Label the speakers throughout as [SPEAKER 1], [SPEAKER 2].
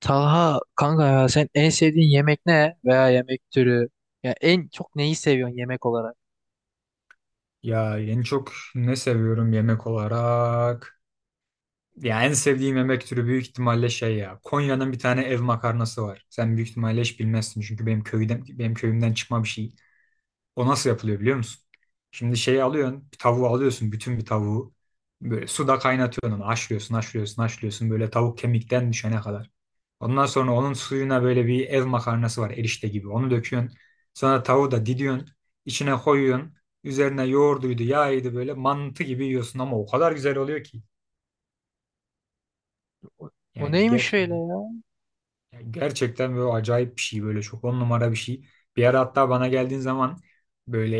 [SPEAKER 1] Taha kanka ya sen en sevdiğin yemek ne veya yemek türü? Ya en çok neyi seviyorsun yemek olarak?
[SPEAKER 2] Ya en çok ne seviyorum yemek olarak? Ya en sevdiğim yemek türü büyük ihtimalle şey ya. Konya'nın bir tane ev makarnası var. Sen büyük ihtimalle hiç bilmezsin çünkü benim köyümden çıkma bir şey. O nasıl yapılıyor biliyor musun? Şimdi şeyi alıyorsun, bir tavuğu alıyorsun, bütün bir tavuğu. Böyle suda kaynatıyorsun onu, haşlıyorsun böyle tavuk kemikten düşene kadar. Ondan sonra onun suyuna böyle bir ev makarnası var erişte gibi. Onu döküyorsun. Sonra tavuğu da didiyorsun. İçine koyuyorsun. Üzerine yoğurduydu, yağıydı böyle mantı gibi yiyorsun ama o kadar güzel oluyor ki.
[SPEAKER 1] O, o
[SPEAKER 2] Yani
[SPEAKER 1] neymiş öyle
[SPEAKER 2] gerçekten,
[SPEAKER 1] ya?
[SPEAKER 2] yani gerçekten böyle acayip bir şey, böyle çok on numara bir şey. Bir ara hatta bana geldiğin zaman böyle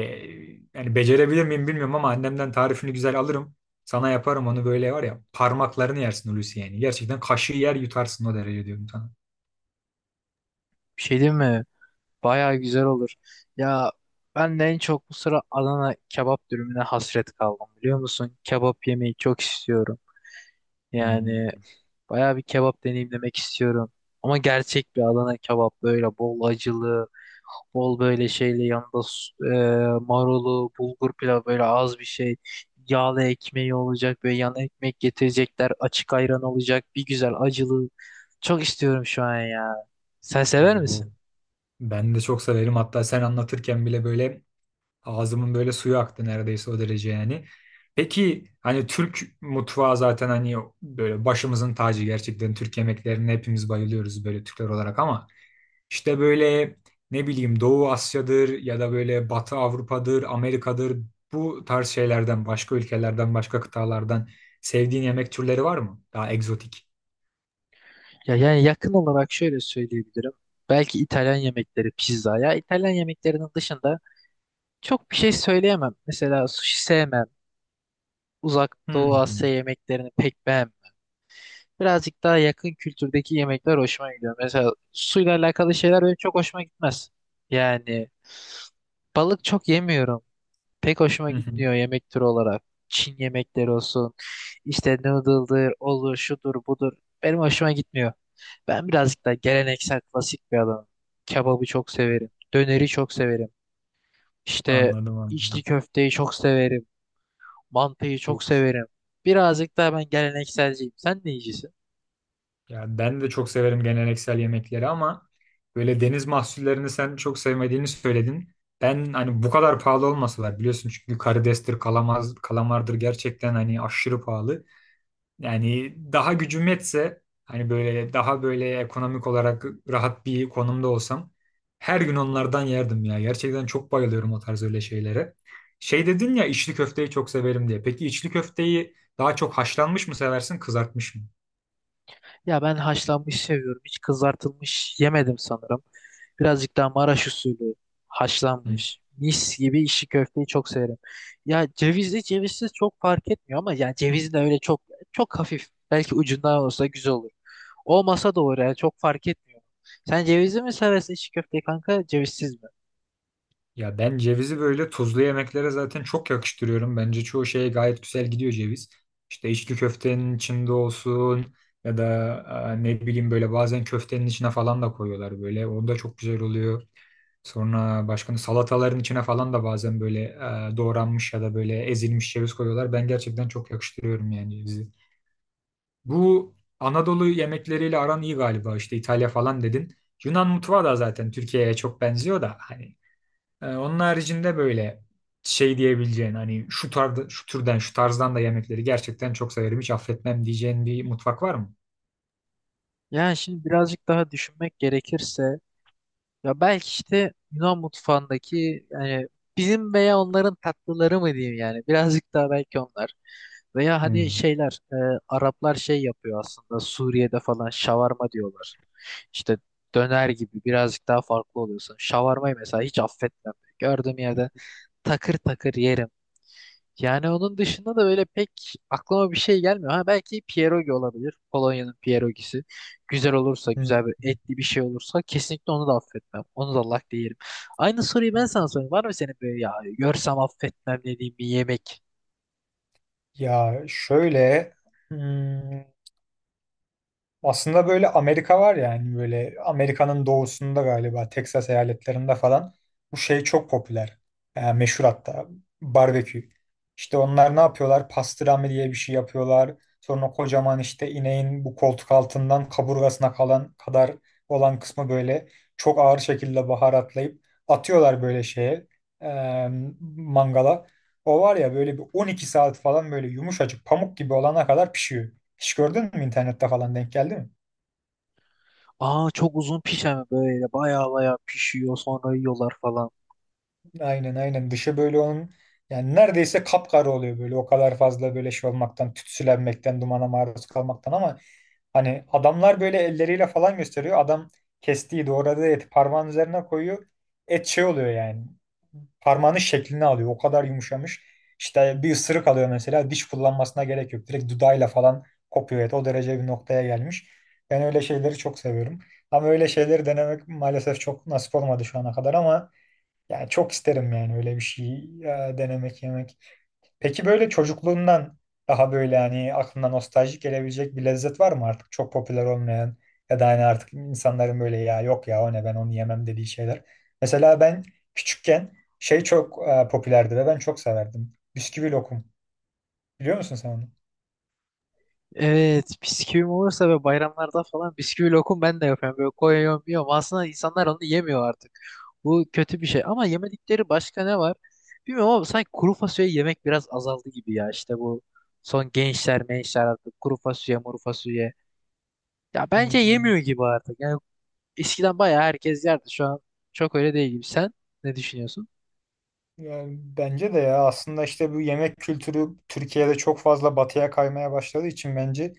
[SPEAKER 2] yani becerebilir miyim bilmiyorum ama annemden tarifini güzel alırım. Sana yaparım onu, böyle var ya parmaklarını yersin Hulusi yani. Gerçekten kaşığı yer yutarsın o derece diyorum sana.
[SPEAKER 1] Bir şey değil mi? Baya güzel olur. Ya ben de en çok bu sıra Adana kebap dürümüne hasret kaldım biliyor musun? Kebap yemeyi çok istiyorum. Yani
[SPEAKER 2] Hmm.
[SPEAKER 1] baya bir kebap deneyimlemek istiyorum. Ama gerçek bir Adana kebap böyle bol acılı. Bol böyle şeyle yanında marulu, bulgur pilavı böyle az bir şey. Yağlı ekmeği olacak böyle yan ekmek getirecekler. Açık ayran olacak. Bir güzel acılı. Çok istiyorum şu an ya. Sen sever
[SPEAKER 2] Oo.
[SPEAKER 1] misin?
[SPEAKER 2] Ben de çok severim. Hatta sen anlatırken bile böyle ağzımın böyle suyu aktı neredeyse, o derece yani. Peki hani Türk mutfağı zaten, hani böyle başımızın tacı, gerçekten Türk yemeklerine hepimiz bayılıyoruz böyle Türkler olarak ama işte böyle ne bileyim Doğu Asya'dır ya da böyle Batı Avrupa'dır, Amerika'dır, bu tarz şeylerden, başka ülkelerden, başka kıtalardan sevdiğin yemek türleri var mı? Daha egzotik.
[SPEAKER 1] Ya yani yakın olarak şöyle söyleyebilirim. Belki İtalyan yemekleri pizza. Ya İtalyan yemeklerinin dışında çok bir şey söyleyemem. Mesela sushi sevmem. Uzak Doğu Asya
[SPEAKER 2] Hmm.
[SPEAKER 1] yemeklerini pek beğenmem. Birazcık daha yakın kültürdeki yemekler hoşuma gidiyor. Mesela suyla alakalı şeyler benim çok hoşuma gitmez. Yani balık çok yemiyorum. Pek hoşuma
[SPEAKER 2] Hı hı.
[SPEAKER 1] gitmiyor yemek türü olarak. Çin yemekleri olsun, işte noodle'dır, olur, şudur, budur. Benim hoşuma gitmiyor. Ben birazcık daha geleneksel, klasik bir adamım. Kebabı çok severim. Döneri çok severim. İşte
[SPEAKER 2] Anladım, anladım.
[SPEAKER 1] içli köfteyi çok severim. Mantıyı çok severim. Birazcık daha ben gelenekselciyim. Sen ne yiyicisin?
[SPEAKER 2] Ya ben de çok severim geleneksel yemekleri ama böyle deniz mahsullerini sen çok sevmediğini söyledin. Ben hani bu kadar pahalı olması var, biliyorsun çünkü karidestir, kalamaz, kalamardır, gerçekten hani aşırı pahalı. Yani daha gücüm yetse, hani böyle daha böyle ekonomik olarak rahat bir konumda olsam her gün onlardan yerdim ya. Gerçekten çok bayılıyorum o tarz öyle şeylere. Şey dedin ya, içli köfteyi çok severim diye. Peki içli köfteyi daha çok haşlanmış mı seversin, kızartmış mı?
[SPEAKER 1] Ya ben haşlanmış seviyorum. Hiç kızartılmış yemedim sanırım. Birazcık daha Maraş usulü
[SPEAKER 2] Hı.
[SPEAKER 1] haşlanmış. Mis gibi işi köfteyi çok severim. Ya cevizli cevizsiz çok fark etmiyor ama yani cevizi de öyle çok çok hafif. Belki ucundan olsa güzel olur. Olmasa da olur yani çok fark etmiyor. Sen cevizli mi seversin içi köfteyi kanka cevizsiz mi?
[SPEAKER 2] Ya ben cevizi böyle tuzlu yemeklere zaten çok yakıştırıyorum. Bence çoğu şeye gayet güzel gidiyor ceviz. İşte içli köftenin içinde olsun ya da ne bileyim böyle bazen köftenin içine falan da koyuyorlar böyle. O da çok güzel oluyor. Sonra başka salataların içine falan da bazen böyle doğranmış ya da böyle ezilmiş ceviz koyuyorlar. Ben gerçekten çok yakıştırıyorum yani cevizi. Bu Anadolu yemekleriyle aran iyi galiba, işte İtalya falan dedin. Yunan mutfağı da zaten Türkiye'ye çok benziyor da, hani onun haricinde böyle şey diyebileceğin, hani şu tarz, şu türden, şu tarzdan da yemekleri gerçekten çok severim, hiç affetmem diyeceğin bir mutfak var mı?
[SPEAKER 1] Yani şimdi birazcık daha düşünmek gerekirse, ya belki işte Yunan mutfağındaki yani bizim veya onların tatlıları mı diyeyim yani birazcık daha belki onlar veya hani
[SPEAKER 2] Hmm.
[SPEAKER 1] şeyler. Araplar şey yapıyor aslında Suriye'de falan şavarma diyorlar. İşte döner gibi birazcık daha farklı oluyorsun. Şavarmayı mesela hiç affetmem. Gördüğüm yerde takır takır yerim. Yani onun dışında da öyle pek aklıma bir şey gelmiyor. Ha belki pierogi olabilir. Polonya'nın pierogisi. Güzel olursa,
[SPEAKER 2] Hmm.
[SPEAKER 1] güzel bir etli bir şey olursa kesinlikle onu da affetmem. Onu da lak yerim. Aynı soruyu ben sana sorayım. Var mı senin böyle ya görsem affetmem dediğin bir yemek?
[SPEAKER 2] Ya şöyle, hmm, aslında böyle Amerika var, yani böyle Amerika'nın doğusunda galiba Texas eyaletlerinde falan bu şey çok popüler. Yani meşhur hatta, barbekü. İşte onlar ne yapıyorlar? Pastrami diye bir şey yapıyorlar. Sonra kocaman işte ineğin bu koltuk altından kaburgasına kalan kadar olan kısmı böyle çok ağır şekilde baharatlayıp atıyorlar böyle şeye, eee, mangala. O var ya, böyle bir 12 saat falan böyle yumuşacık pamuk gibi olana kadar pişiyor. Hiç gördün mü internette falan, denk geldi mi?
[SPEAKER 1] Aa çok uzun pişen böyle baya baya pişiyor sonra yiyorlar falan.
[SPEAKER 2] Aynen, aynen, dışı böyle onun, yani neredeyse kapkara oluyor böyle, o kadar fazla böyle şey olmaktan, tütsülenmekten, dumana maruz kalmaktan, ama hani adamlar böyle elleriyle falan gösteriyor, adam kestiği doğradığı eti parmağın üzerine koyuyor, et şey oluyor yani, parmağının şeklini alıyor, o kadar yumuşamış. İşte bir ısırık alıyor mesela, diş kullanmasına gerek yok, direkt dudağıyla falan kopuyor et, o derece bir noktaya gelmiş. Ben öyle şeyleri çok seviyorum ama öyle şeyleri denemek maalesef çok nasip olmadı şu ana kadar, ama yani çok isterim yani öyle bir şey denemek, yemek. Peki böyle çocukluğundan daha böyle, hani aklına nostaljik gelebilecek bir lezzet var mı artık çok popüler olmayan, ya da hani artık insanların böyle ya yok ya o ne, ben onu yemem dediği şeyler. Mesela ben küçükken şey çok popülerdi ve ben çok severdim. Bisküvi lokum. Biliyor musun sen onu?
[SPEAKER 1] Evet, bisküvim olursa ve bayramlarda falan bisküvi lokum ben de yapıyorum. Böyle koyuyorum yiyorum. Aslında insanlar onu yemiyor artık. Bu kötü bir şey ama yemedikleri başka ne var? Bilmiyorum ama sanki kuru fasulye yemek biraz azaldı gibi ya. İşte bu son gençler mençler artık kuru fasulye muru fasulye. Ya bence
[SPEAKER 2] Hmm.
[SPEAKER 1] yemiyor gibi artık. Yani eskiden bayağı herkes yerdi. Şu an çok öyle değil gibi. Sen ne düşünüyorsun?
[SPEAKER 2] Yani bence de, ya aslında işte bu yemek kültürü Türkiye'de çok fazla batıya kaymaya başladığı için bence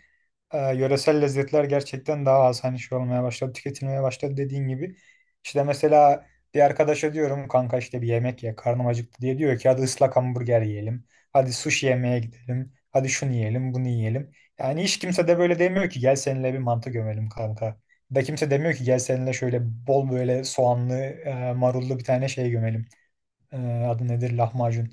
[SPEAKER 2] yöresel lezzetler gerçekten daha az hani şey olmaya başladı, tüketilmeye başladı dediğin gibi. İşte mesela bir arkadaşa diyorum kanka işte bir yemek ye, karnım acıktı diye, diyor ki hadi ıslak hamburger yiyelim, hadi sushi yemeye gidelim, hadi şunu yiyelim, bunu yiyelim. Yani hiç kimse de böyle demiyor ki gel seninle bir mantı gömelim kanka. Da kimse demiyor ki gel seninle şöyle bol böyle soğanlı, marullu bir tane şey gömelim. Ee, adı nedir? Lahmacun.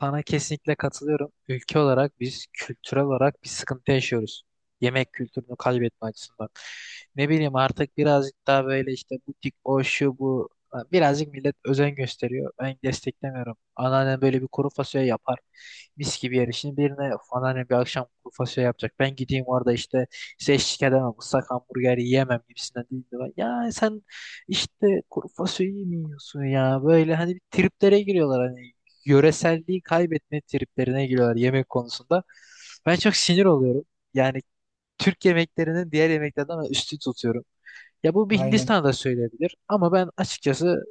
[SPEAKER 1] Sana kesinlikle katılıyorum. Ülke olarak biz kültürel olarak bir sıkıntı yaşıyoruz. Yemek kültürünü kaybetme açısından. Ne bileyim artık birazcık daha böyle işte butik o şu bu, birazcık millet özen gösteriyor. Ben desteklemiyorum. Anneannem böyle bir kuru fasulye yapar. Mis gibi yer. Şimdi birine "Of, anneannem bir akşam kuru fasulye yapacak. Ben gideyim orada işte size eşlik edemem. Islak hamburger yiyemem" gibisinden değil de ben, ya sen işte kuru fasulye mi yiyorsun ya? Böyle hani bir triplere giriyorlar, hani yöreselliği kaybetme triplerine giriyorlar yemek konusunda. Ben çok sinir oluyorum. Yani Türk yemeklerinin diğer yemeklerden ben üstün tutuyorum. Ya bu bir
[SPEAKER 2] Aynen.
[SPEAKER 1] Hindistan'da söyleyebilir ama ben açıkçası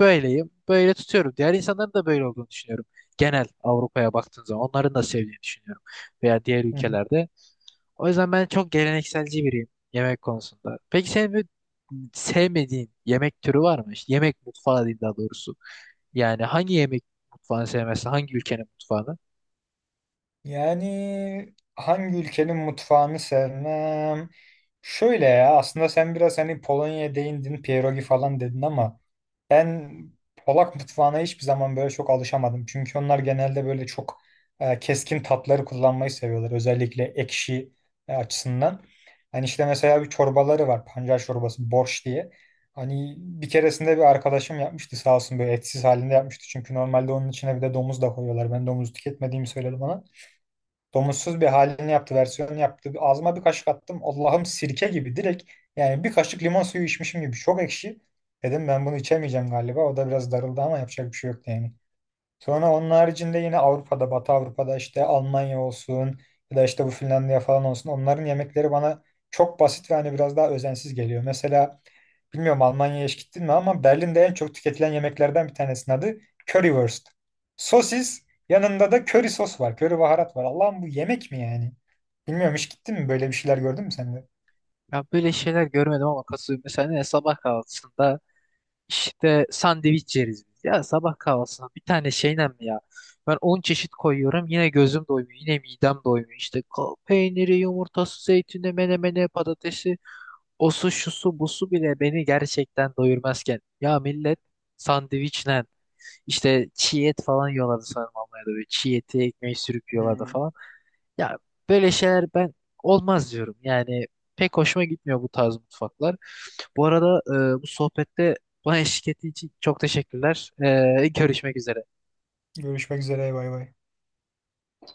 [SPEAKER 1] böyleyim. Böyle tutuyorum. Diğer insanların da böyle olduğunu düşünüyorum. Genel Avrupa'ya baktığın zaman onların da sevdiğini düşünüyorum. Veya diğer
[SPEAKER 2] Hı hı.
[SPEAKER 1] ülkelerde. O yüzden ben çok gelenekselci biriyim yemek konusunda. Peki senin bir sevmediğin yemek türü var mı? İşte yemek mutfağı diyeyim daha doğrusu. Yani hangi yemek mutfağını sevmezsin? Hangi ülkenin mutfağını?
[SPEAKER 2] Yani hangi ülkenin mutfağını sevmem? Şöyle, ya aslında sen biraz hani Polonya'ya değindin, pierogi falan dedin ama ben Polak mutfağına hiçbir zaman böyle çok alışamadım. Çünkü onlar genelde böyle çok keskin tatları kullanmayı seviyorlar. Özellikle ekşi açısından. Hani işte mesela bir çorbaları var. Pancar çorbası, borş diye. Hani bir keresinde bir arkadaşım yapmıştı sağ olsun, böyle etsiz halinde yapmıştı. Çünkü normalde onun içine bir de domuz da koyuyorlar. Ben domuz tüketmediğimi söyledim ona. Domatsız bir halini yaptı, versiyonunu yaptı. Ağzıma bir kaşık attım. Allah'ım, sirke gibi direkt, yani bir kaşık limon suyu içmişim gibi. Çok ekşi. Dedim ben bunu içemeyeceğim galiba. O da biraz darıldı ama yapacak bir şey yok yani. Sonra onun haricinde yine Avrupa'da, Batı Avrupa'da işte Almanya olsun ya da işte bu Finlandiya falan olsun, onların yemekleri bana çok basit ve hani biraz daha özensiz geliyor. Mesela bilmiyorum Almanya'ya hiç gittin mi, ama Berlin'de en çok tüketilen yemeklerden bir tanesinin adı Currywurst. Sosis yanında da köri sos var, köri baharat var. Allah'ım, bu yemek mi yani? Bilmiyorum, hiç gittin mi, böyle bir şeyler gördün mü sen de?
[SPEAKER 1] Ya böyle şeyler görmedim ama katılıyorum. Mesela ne sabah kahvaltısında işte sandviç yeriz biz. Ya sabah kahvaltısında bir tane şeyle mi ya? Ben 10 çeşit koyuyorum yine gözüm doymuyor. Yine midem doymuyor. İşte peyniri, yumurtası, zeytini, menemene patatesi. O su, şu su, bu su bile beni gerçekten doyurmazken. Ya millet sandviçle işte çiğ et falan yiyorlardı sanırım Almanya'da. Böyle çiğ eti ekmeği sürüp yiyorlardı
[SPEAKER 2] Hmm.
[SPEAKER 1] falan. Ya böyle şeyler ben olmaz diyorum. Yani pek hoşuma gitmiyor bu tarz mutfaklar. Bu arada, bu sohbette bana eşlik ettiği için çok teşekkürler. Görüşmek üzere.
[SPEAKER 2] Görüşmek üzere, bay bay.